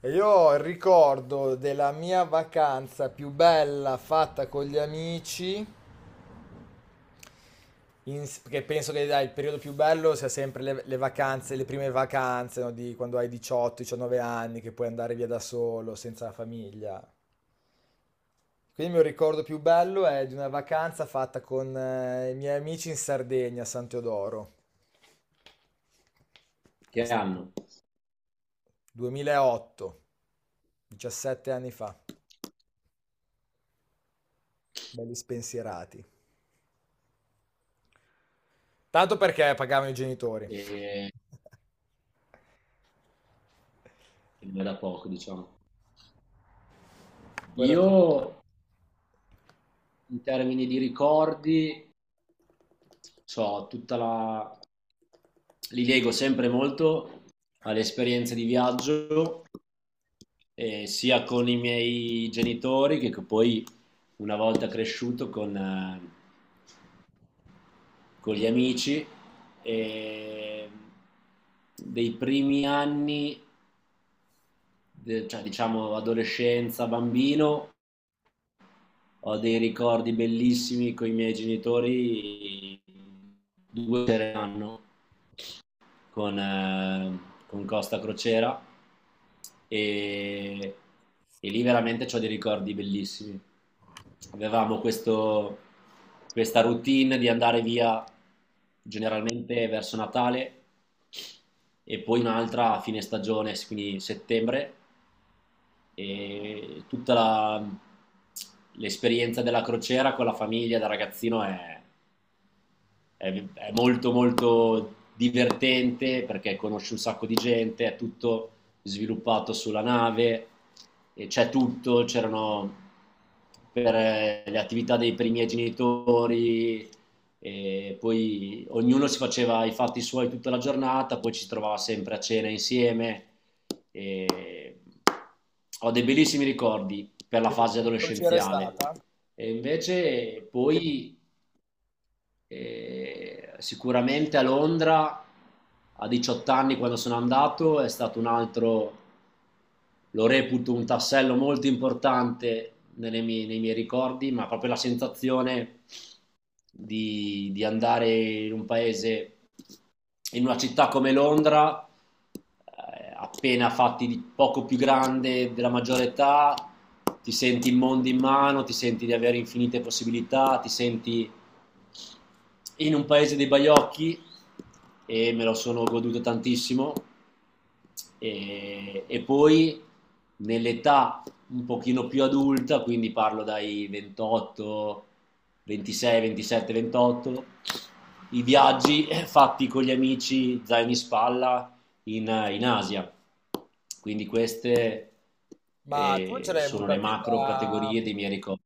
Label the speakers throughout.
Speaker 1: E io ricordo della mia vacanza più bella fatta con gli amici, che penso che dai, il periodo più bello sia sempre le vacanze, le prime vacanze, no, di quando hai 18-19 anni, che puoi andare via da solo, senza la famiglia. Quindi il mio ricordo più bello è di una vacanza fatta con i miei amici in Sardegna, a San Teodoro. È
Speaker 2: Che
Speaker 1: stato
Speaker 2: hanno,
Speaker 1: 2008, 17 anni fa, belli spensierati. Tanto perché pagavano i genitori.
Speaker 2: e che non è da poco, diciamo.
Speaker 1: Guarda
Speaker 2: Io,
Speaker 1: tu.
Speaker 2: in termini di ricordi, so, tutta la, li leggo sempre molto alle esperienze di viaggio, sia con i miei genitori che poi una volta cresciuto con gli amici. E dei primi anni, cioè diciamo adolescenza, bambino, ho dei ricordi bellissimi con i miei genitori, due sere l'anno con, eh, con Costa Crociera e, e lì veramente ho dei ricordi bellissimi. Avevamo questo, questa routine di andare via generalmente verso Natale e poi un'altra a fine stagione, quindi settembre e l'esperienza della crociera con la famiglia da ragazzino è molto molto divertente perché conosci un sacco di gente, è tutto sviluppato sulla nave, e c'è tutto, c'erano per le attività per i miei genitori, e poi ognuno si faceva i fatti suoi tutta la giornata, poi ci si trovava sempre a cena insieme. E ho dei bellissimi ricordi per la
Speaker 1: Che
Speaker 2: fase
Speaker 1: che crociera è
Speaker 2: adolescenziale.
Speaker 1: stata?
Speaker 2: E invece poi, e sicuramente a Londra, a 18 anni quando sono andato, è stato un altro, lo reputo un tassello molto importante nelle mie, nei miei ricordi, ma proprio la sensazione di andare in un paese, in una città come Londra, appena fatti di poco più grande della maggiore età, ti senti il mondo in mano, ti senti di avere infinite possibilità, ti senti in un paese dei baiocchi e me lo sono goduto tantissimo e poi nell'età un pochino più adulta, quindi parlo dai 28, 26, 27, 28, i viaggi fatti con gli amici zaino in spalla in Asia. Quindi queste
Speaker 1: Ma tu ce l'hai
Speaker 2: sono
Speaker 1: avuta
Speaker 2: le macro categorie dei miei ricordi.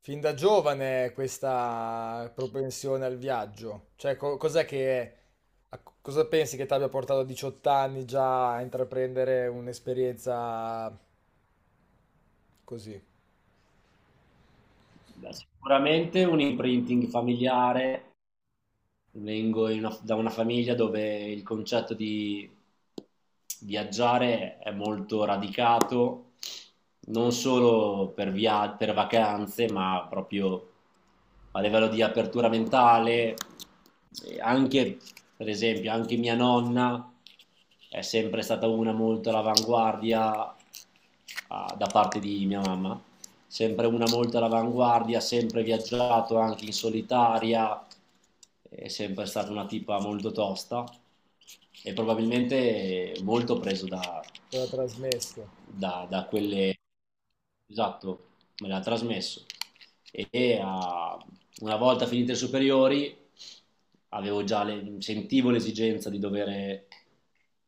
Speaker 1: fin da giovane questa propensione al viaggio? Cioè, cos'è che, cosa pensi che ti abbia portato a 18 anni già a intraprendere un'esperienza così?
Speaker 2: Beh, sicuramente un imprinting familiare, vengo da una famiglia dove il concetto di viaggiare è molto radicato, non solo per vacanze, ma proprio a livello di apertura mentale. E anche, per esempio, anche mia nonna è sempre stata una molto all'avanguardia, da parte di mia mamma, sempre una molto all'avanguardia, sempre viaggiato anche in solitaria, è sempre stata una tipa molto tosta e probabilmente molto preso da,
Speaker 1: Te l'ha trasmesso?
Speaker 2: da quelle... Esatto, me l'ha trasmesso. E ah, una volta finite le superiori avevo già sentivo l'esigenza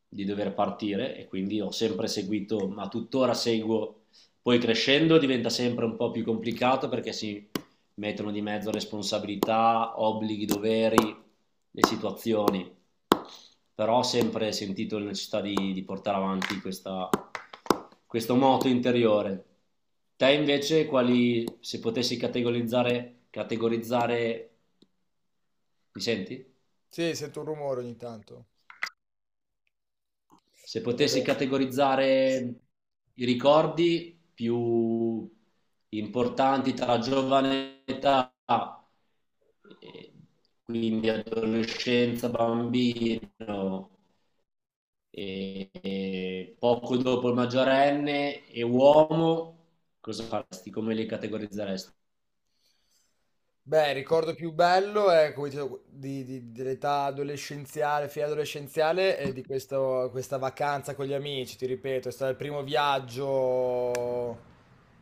Speaker 2: di dover partire e quindi ho sempre seguito, ma tuttora seguo, poi crescendo diventa sempre un po' più complicato perché si mettono di mezzo responsabilità, obblighi, doveri, le situazioni. Però ho sempre sentito la necessità di portare avanti questo moto interiore. Te invece, quali, se potessi categorizzare, mi senti?
Speaker 1: Sì, sento un rumore ogni tanto.
Speaker 2: Se potessi
Speaker 1: Eh,
Speaker 2: categorizzare i ricordi più importanti tra la giovane età, eh, quindi adolescenza, bambino, e poco dopo il maggiorenne e uomo, cosa faresti? Come li categorizzeresti?
Speaker 1: Beh, il ricordo più bello è, come dicevo, dell'età adolescenziale, fine adolescenziale, e di questa vacanza con gli amici, ti ripeto, è stato il primo viaggio,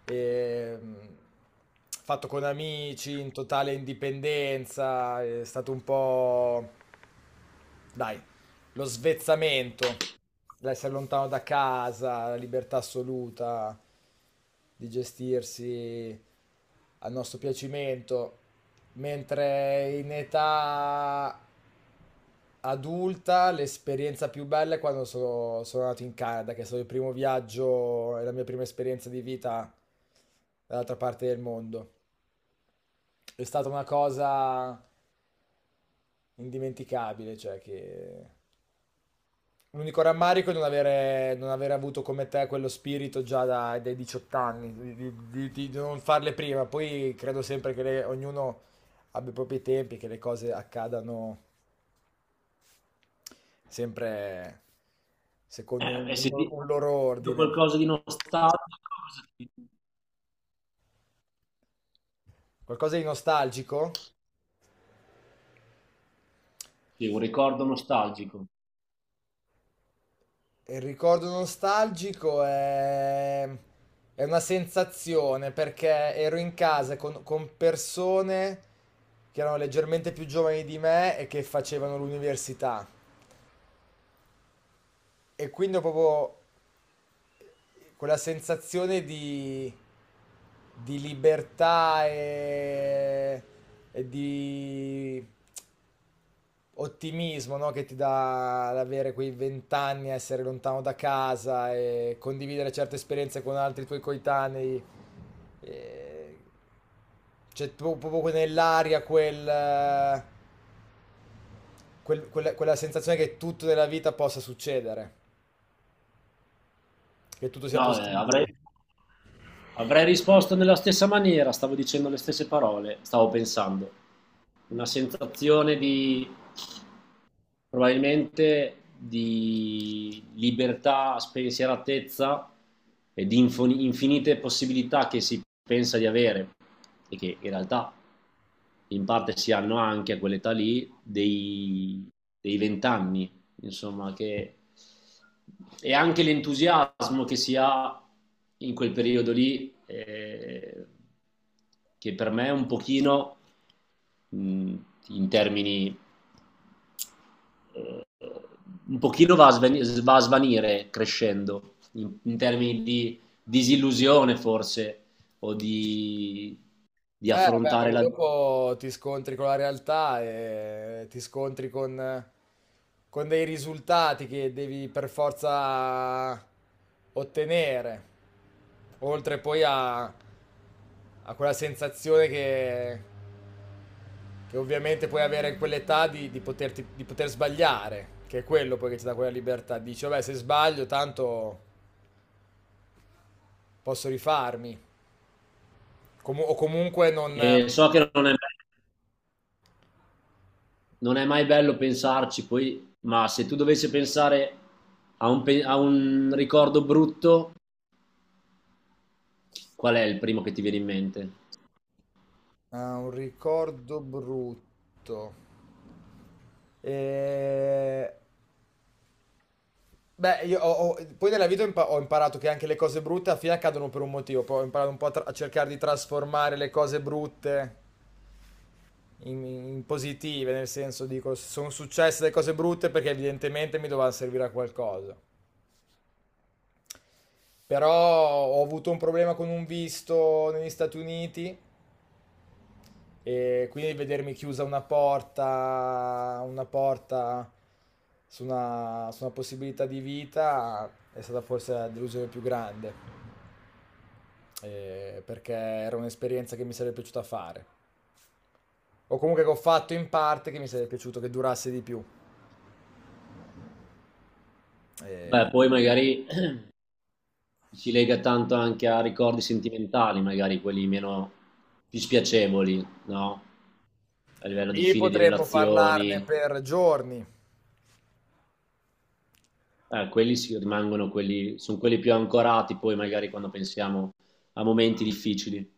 Speaker 1: ehm, fatto con amici, in totale indipendenza, è stato un po'. Dai, lo svezzamento, l'essere lontano da casa, la libertà assoluta di gestirsi al nostro piacimento, mentre in età adulta l'esperienza più bella è quando sono andato in Canada, che è stato il primo viaggio e la mia prima esperienza di vita dall'altra parte del mondo. È stata una cosa indimenticabile. Cioè, che l'unico rammarico è non avere avuto come te quello spirito già dai 18 anni, di non farle prima. Poi credo sempre che ognuno abbia i propri tempi, che le cose accadano sempre secondo
Speaker 2: E se ti
Speaker 1: un loro
Speaker 2: dico
Speaker 1: ordine.
Speaker 2: qualcosa di nostalgico, cosa dico?
Speaker 1: Qualcosa di nostalgico?
Speaker 2: Sì, un ricordo nostalgico.
Speaker 1: Il ricordo nostalgico è una sensazione, perché ero in casa con persone che erano leggermente più giovani di me e che facevano l'università. E quindi ho proprio quella sensazione di libertà e di ottimismo, no? Che ti dà l'avere quei vent'anni, essere lontano da casa e condividere certe esperienze con altri tuoi coetanei. E c'è proprio nell'aria quel, quella sensazione che tutto nella vita possa succedere. Che tutto sia
Speaker 2: No, avrei,
Speaker 1: possibile.
Speaker 2: avrei risposto nella stessa maniera, stavo dicendo le stesse parole, stavo pensando. Una sensazione di, probabilmente, di libertà, spensieratezza e di infinite possibilità che si pensa di avere e che in realtà in parte si hanno anche a quell'età lì dei 20 anni insomma, che... e anche l'entusiasmo che si ha in quel periodo lì, che per me è un pochino, mh, in termini, un pochino va a svanire crescendo, in termini di disillusione forse, o di
Speaker 1: Beh,
Speaker 2: affrontare
Speaker 1: perché
Speaker 2: la...
Speaker 1: dopo ti scontri con la realtà e ti scontri con dei risultati che devi per forza ottenere, oltre poi a, a quella sensazione che ovviamente puoi avere in quell'età di, di poter sbagliare, che è quello poi che ti dà quella libertà. Dici, vabbè, se sbaglio tanto posso rifarmi. O comunque non...
Speaker 2: E so che non è mai bello pensarci, poi, ma se tu dovessi pensare a un ricordo brutto, qual è il primo che ti viene in mente?
Speaker 1: Ah, un ricordo brutto. Eh, Beh, io poi nella vita ho imparato che anche le cose brutte alla fine accadono per un motivo. Poi ho imparato un po' a, a cercare di trasformare le cose brutte in, in positive, nel senso, dico, sono successe le cose brutte perché evidentemente mi dovevano servire a qualcosa. Però ho avuto un problema con un visto negli Stati Uniti. E quindi vedermi chiusa una porta su una possibilità di vita è stata forse la delusione più grande, perché era un'esperienza che mi sarebbe piaciuta fare, o comunque che ho fatto in parte, che mi sarebbe piaciuto che durasse di più.
Speaker 2: Beh,
Speaker 1: Eh,
Speaker 2: poi magari si lega tanto anche a ricordi sentimentali, magari quelli meno, più spiacevoli, no? A livello di
Speaker 1: lì
Speaker 2: fine di
Speaker 1: potremmo parlarne
Speaker 2: relazioni,
Speaker 1: per giorni,
Speaker 2: quelli si rimangono quelli, sono quelli più ancorati poi magari quando pensiamo a momenti difficili.